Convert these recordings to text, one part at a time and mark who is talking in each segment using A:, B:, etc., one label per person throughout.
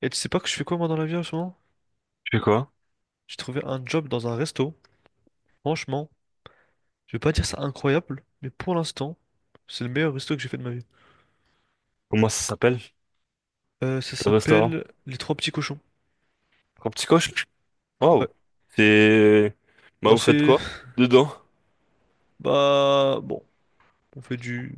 A: Et tu sais pas que je fais quoi moi dans la vie en ce moment?
B: C'est quoi?
A: J'ai trouvé un job dans un resto. Franchement, je vais pas dire ça incroyable, mais pour l'instant, c'est le meilleur resto que j'ai fait de ma vie.
B: Comment ça s'appelle?
A: Ça
B: Le restaurant?
A: s'appelle Les Trois Petits Cochons.
B: Un petit coche?
A: Ouais.
B: Wow! C'est... Bah
A: Bah
B: vous faites
A: c'est...
B: quoi? Dedans?
A: Bah bon, on fait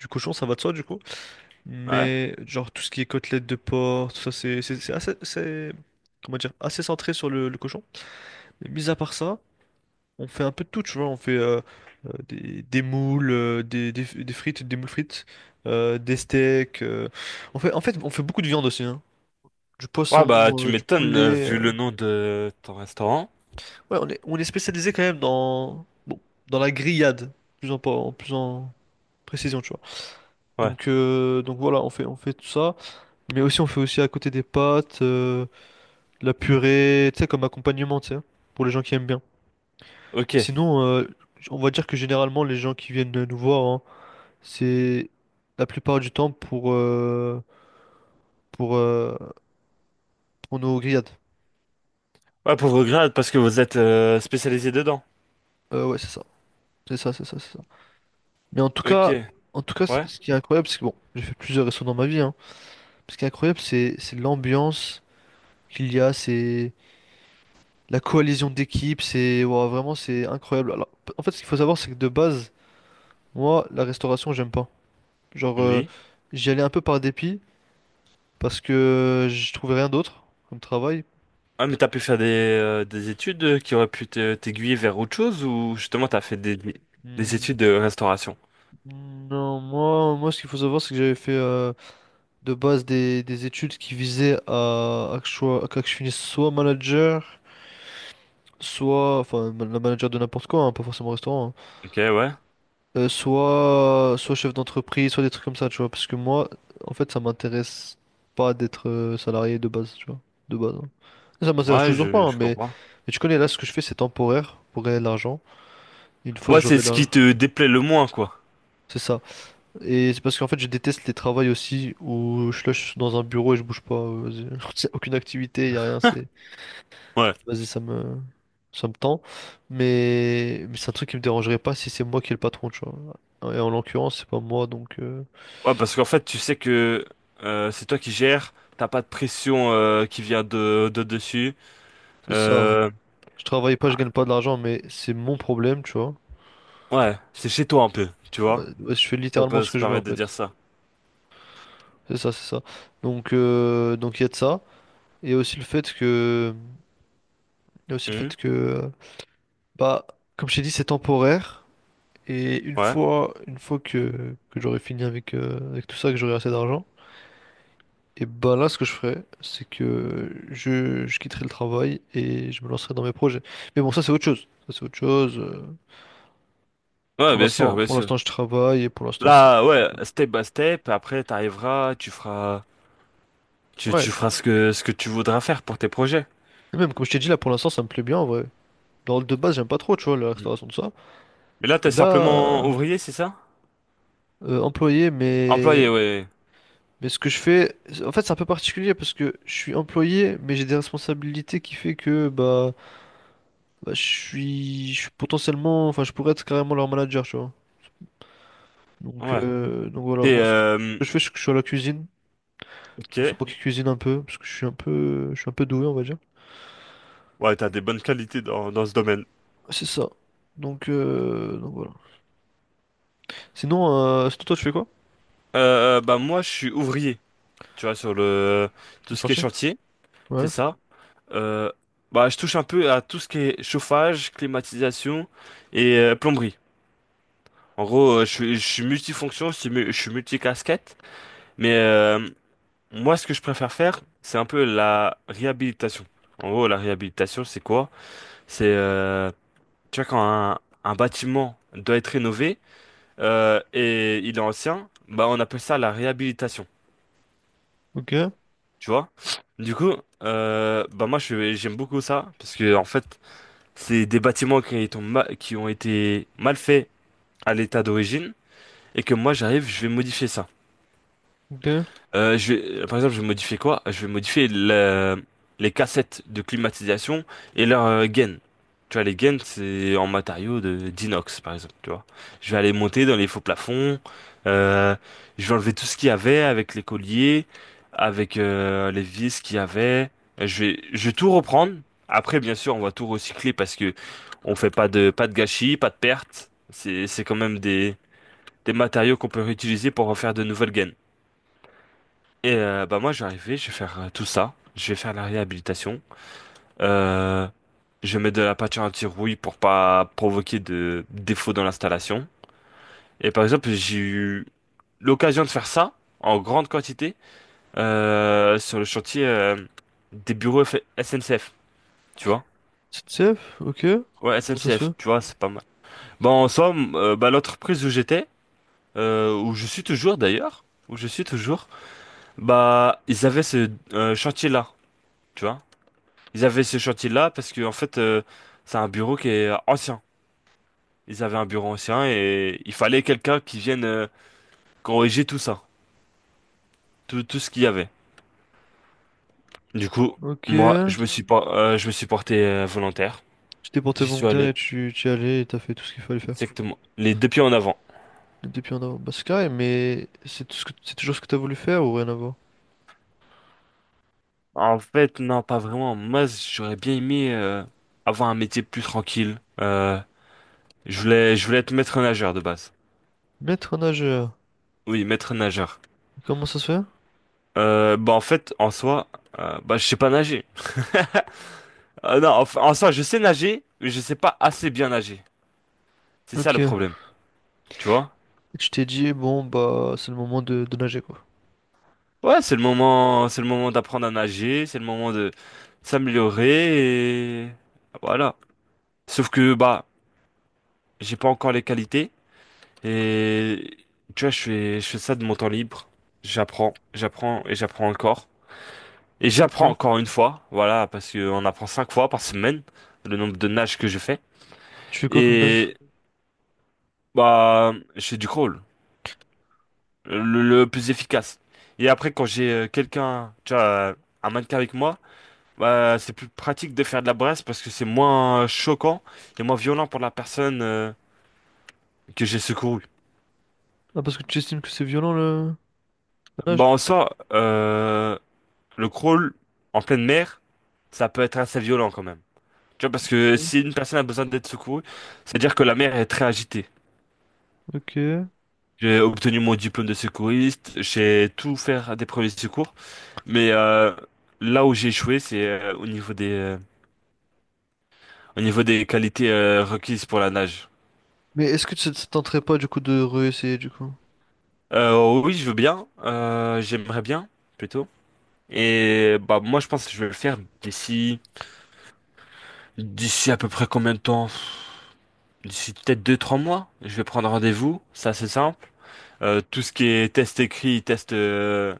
A: du cochon, ça va de soi du coup.
B: Ouais?
A: Mais genre tout ce qui est côtelettes de porc, tout ça c'est assez... c'est- Comment dire? Assez centré sur le cochon. Mais mis à part ça... On fait un peu de tout, tu vois. On fait des moules, des frites, des moules frites, des steaks. On fait, en fait, on fait beaucoup de viande aussi, hein. Du
B: Ouais bah
A: poisson,
B: tu
A: du
B: m'étonnes
A: poulet.
B: vu le nom de ton restaurant.
A: Ouais, on est spécialisé quand même dans, bon, dans la grillade, plus en, en plus en précision, tu vois.
B: Ouais.
A: Donc voilà, on fait tout ça. Mais aussi, on fait aussi à côté des pâtes, de la purée, tu sais, comme accompagnement, tu sais, pour les gens qui aiment bien.
B: Ok.
A: Mais sinon, on va dire que généralement, les gens qui viennent nous voir, hein, c'est la plupart du temps pour, euh, pour nos grillades.
B: Ouais pauvre grade parce que vous êtes spécialisé dedans.
A: Ouais, c'est ça. C'est ça, c'est ça, c'est ça. Mais
B: Ok.
A: en tout cas, c-
B: Ouais?
A: ce qui est incroyable, c'est que bon, j'ai fait plusieurs restos dans ma vie, hein. Ce qui est incroyable, c'est l'ambiance qu'il y a, c'est la coalition d'équipes, c'est ouah, vraiment c'est incroyable. Alors, p- en fait, ce qu'il faut savoir, c'est que de base, moi, la restauration, j'aime pas. Genre,
B: Oui.
A: j'y allais un peu par dépit parce que je trouvais rien d'autre comme travail.
B: Ouais mais t'as pu faire des études qui auraient pu t'aiguiller vers autre chose ou justement t'as fait des
A: Hmm.
B: études de restauration?
A: Non, moi, moi, ce qu'il faut savoir, c'est que j'avais fait de base des études qui visaient à, que je sois- à que je finisse soit manager, soit, enfin, ma- la manager de n'importe quoi, hein, pas forcément restaurant, hein,
B: Ok ouais.
A: soit, soit chef d'entreprise, soit des trucs comme ça, tu vois. Parce que moi, en fait, ça m'intéresse pas d'être salarié de base, tu vois, de base. Hein. Ça m'intéresse
B: Ouais
A: toujours pas, hein,
B: je comprends.
A: mais tu connais, là, ce que je fais, c'est temporaire pour gagner de l'argent. Une fois que
B: Ouais c'est
A: j'aurai de
B: ce
A: l'argent,
B: qui te déplaît le moins quoi.
A: c'est ça. Et c'est parce qu'en fait, je déteste les travails aussi où je suis là, je suis dans un bureau et je bouge pas. J'ai aucune activité, y a rien, c'est...
B: Ouais.
A: Vas-y, ça me tend. Mais c'est un truc qui me dérangerait pas si c'est moi qui est le patron, tu vois. Et en l'occurrence, c'est pas moi, donc
B: Ouais, parce qu'en fait, tu sais que c'est toi qui gères, t'as pas de pression qui vient de dessus.
A: c'est ça.
B: Euh,
A: Je travaille pas, je gagne pas de l'argent, mais c'est mon problème, tu vois.
B: ouais, c'est chez toi un peu, tu
A: Ouais,
B: vois,
A: ouais, je fais
B: si on
A: littéralement
B: peut
A: ce
B: se
A: que je veux, en
B: permettre de
A: fait.
B: dire ça.
A: C'est ça, c'est ça. Donc il y a de ça. Et aussi le fait que... Il y a aussi le
B: Mhm.
A: fait que... Bah, comme je t'ai dit, c'est temporaire. Et
B: Ouais.
A: une fois que j'aurai fini avec, avec tout ça, que j'aurai assez d'argent, et ben là, ce que je ferai, c'est que je quitterai le travail et je me lancerai dans mes projets. Mais bon, ça, c'est autre chose. Ça, c'est autre chose.
B: Ouais, bien sûr, bien
A: Pour
B: sûr.
A: l'instant, je travaille et pour l'instant, c'est...
B: Là, ouais, step by step, après t'arriveras, tu
A: Ouais.
B: feras ce que tu voudras faire pour tes projets.
A: Et même, comme je t'ai dit, là, pour l'instant, ça me plaît bien, en vrai. Dans le de base, j'aime pas trop, tu vois, la
B: Mhm.
A: restauration, de ça.
B: Mais là,
A: Et
B: t'es simplement
A: là,
B: ouvrier, c'est ça?
A: employé,
B: Employé,
A: mais...
B: ouais.
A: Mais ce que je fais, en fait, c'est un peu particulier parce que je suis employé, mais j'ai des responsabilités qui fait que, bah... Bah, je suis potentiellement, enfin, je pourrais être carrément leur manager, tu vois.
B: Ouais.
A: Donc voilà,
B: T'es,
A: moi, ce que je fais, c'est que je suis à la cuisine.
B: ok.
A: Donc, c'est moi qui cuisine un peu, parce que je suis un peu, je suis un peu doué, on va dire.
B: Ouais, t'as des bonnes qualités dans ce domaine.
A: C'est ça. Donc voilà. Sinon, sinon, toi, tu fais quoi?
B: Bah moi, je suis ouvrier. Tu vois, sur le
A: Au
B: tout ce qui est
A: chantier?
B: chantier, c'est
A: Ouais.
B: ça. Euh, bah, je touche un peu à tout ce qui est chauffage, climatisation et plomberie. En gros, je suis multifonction, je suis multicasquette, mais moi, ce que je préfère faire, c'est un peu la réhabilitation. En gros, la réhabilitation, c'est quoi? C'est, tu vois, quand un bâtiment doit être rénové et il est ancien, bah, on appelle ça la réhabilitation.
A: Ok.
B: Tu vois? Du coup, bah moi je j'aime beaucoup ça parce que en fait, c'est des bâtiments qui ont été mal faits à l'état d'origine et que moi j'arrive, je vais modifier ça.
A: Ok.
B: Je vais, par exemple, je vais modifier quoi? Je vais modifier les cassettes de climatisation et leur gain. Tu vois, les gaines, c'est en matériaux de d'inox, par exemple, tu vois. Je vais aller monter dans les faux plafonds. euh, je vais enlever tout ce qu'il y avait avec les colliers, avec les vis qu'il y avait. Je vais tout reprendre. Après, bien sûr, on va tout recycler parce que on fait pas pas de gâchis, pas de pertes. C'est quand même des matériaux qu'on peut réutiliser pour refaire de nouvelles gaines. Et bah moi je vais arriver, je vais faire tout ça, je vais faire la réhabilitation, euh, je mets de la peinture anti-rouille pour pas provoquer de défauts dans l'installation. Et par exemple j'ai eu l'occasion de faire ça en grande quantité sur le chantier des bureaux SNCF, tu vois?
A: chef Ok.
B: Ouais
A: Comment ça se
B: SNCF,
A: fait?
B: tu vois c'est pas mal. Bon en somme, bah l'entreprise où j'étais, où je suis toujours d'ailleurs, où je suis toujours, bah ils avaient ce chantier-là. Tu vois. Ils avaient ce chantier-là parce que en fait, c'est un bureau qui est ancien. Ils avaient un bureau ancien et il fallait quelqu'un qui vienne corriger tout ça, tout ce qu'il y avait. Du coup,
A: Ok.
B: moi, je me suis porté volontaire.
A: Tu t'es porté
B: J'y suis
A: volontaire et
B: allé,
A: tu y allais et t'as fait tout ce qu'il fallait faire.
B: exactement, les deux pieds en avant.
A: Depuis en avant. Bah, c'est carré, mais c'est tout ce que, c'est toujours ce que t'as voulu faire ou rien à voir?
B: En fait, non, pas vraiment. Moi, j'aurais bien aimé avoir un métier plus tranquille. Je voulais être maître nageur de base.
A: Maître nageur.
B: Oui, maître nageur.
A: Comment ça se fait?
B: Bah en fait, en soi, bah je sais pas nager. Non, enfin, en soi, je sais nager, mais je sais pas assez bien nager. C'est ça
A: Ok.
B: le
A: Et
B: problème, tu vois?
A: tu t'es dit, bon, bah, c'est le moment de nager, quoi.
B: Ouais, c'est le moment d'apprendre à nager, c'est le moment de s'améliorer et voilà. Sauf que bah, j'ai pas encore les qualités et tu vois, je fais ça de mon temps libre. J'apprends et j'apprends encore. Et
A: Ok.
B: j'apprends encore une fois, voilà, parce qu'on apprend 5 fois par semaine le nombre de nages que je fais.
A: Tu fais quoi comme nage?
B: Et bah, je fais du crawl. Le plus efficace. Et après, quand j'ai quelqu'un, tu vois, un mannequin avec moi, bah, c'est plus pratique de faire de la brasse parce que c'est moins choquant et moins violent pour la personne que j'ai secourue.
A: Ah, parce que tu estimes que c'est violent, le la nage?
B: Bah, en soi, le crawl en pleine mer, ça peut être assez violent quand même. Tu vois, parce que
A: Ouais.
B: si une personne a besoin d'être secourue, c'est-à-dire que la mer est très agitée.
A: Ok.
B: J'ai obtenu mon diplôme de secouriste, j'ai tout fait des premiers secours, mais là où j'ai échoué, c'est au niveau des qualités requises pour la nage.
A: Mais est-ce que ça ça te tenterait pas, du coup, de réessayer, du coup?
B: Oui, je veux bien. J'aimerais bien, plutôt. Et bah moi, je pense que je vais le faire d'ici à peu près combien de temps? D'ici peut-être 2, 3 mois. Je vais prendre rendez-vous. Ça, c'est simple. Tout ce qui est test écrit, test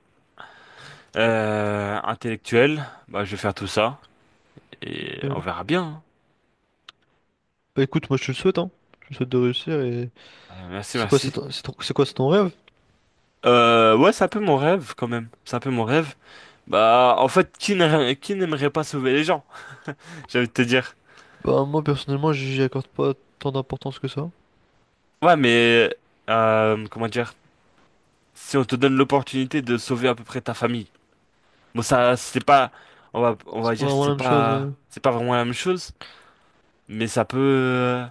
B: intellectuel, bah je vais faire tout ça et on
A: Ok.
B: verra bien.
A: Bah, écoute, moi, je te le souhaite, hein. Je te souhaite de réussir et...
B: Hein.
A: C'est quoi, c'est
B: Merci.
A: ton... c'est ton- c'est quoi, c'est ton rêve?
B: Ouais, c'est un peu mon rêve quand même. C'est un peu mon rêve. Bah, en fait, qui n'aimerait pas sauver les gens? J'ai envie de te dire.
A: Bah, moi, personnellement, j'y accorde pas tant d'importance que ça.
B: Ouais, mais comment dire, si on te donne l'opportunité de sauver à peu près ta famille, bon ça c'est pas, on va
A: C'est pas
B: dire que
A: vraiment la même chose.
B: c'est pas vraiment la même chose, mais ça peut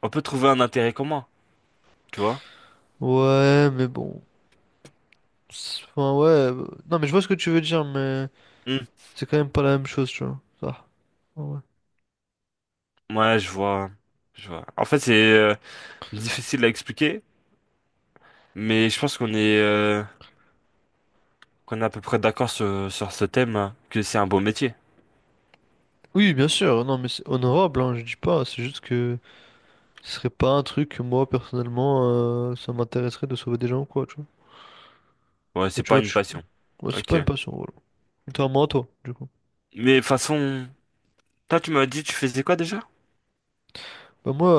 B: on peut trouver un intérêt commun, tu vois?
A: Ouais, mais bon. C'est- Enfin, ouais. Non, mais je vois ce que tu veux dire, mais
B: Hmm.
A: c'est quand même pas la même chose, tu vois. Ça. Ah, Ouais.
B: Ouais, je vois, je vois. En fait c'est difficile à expliquer, mais je pense qu'on est à peu près d'accord sur ce thème hein, que c'est un beau métier.
A: Oui, bien sûr, non, mais c'est honorable, hein, je dis pas, c'est juste que ce serait pas un truc que moi, personnellement, ça m'intéresserait de sauver des gens ou quoi, tu vois.
B: Ouais,
A: Mais
B: c'est
A: tu
B: pas
A: vois,
B: une
A: tu-
B: passion.
A: ouais, c'est pas
B: Ok.
A: une passion, voilà. Contrairement à toi, du coup.
B: Mais de toute façon, toi tu m'as dit tu faisais quoi déjà?
A: Bah moi,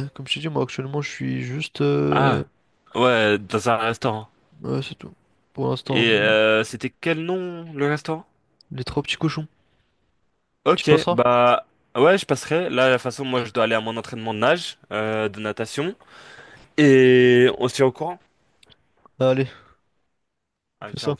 A: comme je t'ai dit, moi, actuellement, je suis juste...
B: Ah, ouais, dans un restaurant.
A: ouais, c'est tout, pour l'instant,
B: Et
A: mais
B: c'était quel nom le restaurant?
A: les trois petits cochons. Tu
B: Ok,
A: passeras?
B: bah ouais, je passerai. Là, de toute façon, moi, je dois aller à mon entraînement de nage, de natation. Et on se tient au courant.
A: Bah, Allez, on
B: Allez,
A: fait ça.
B: ciao.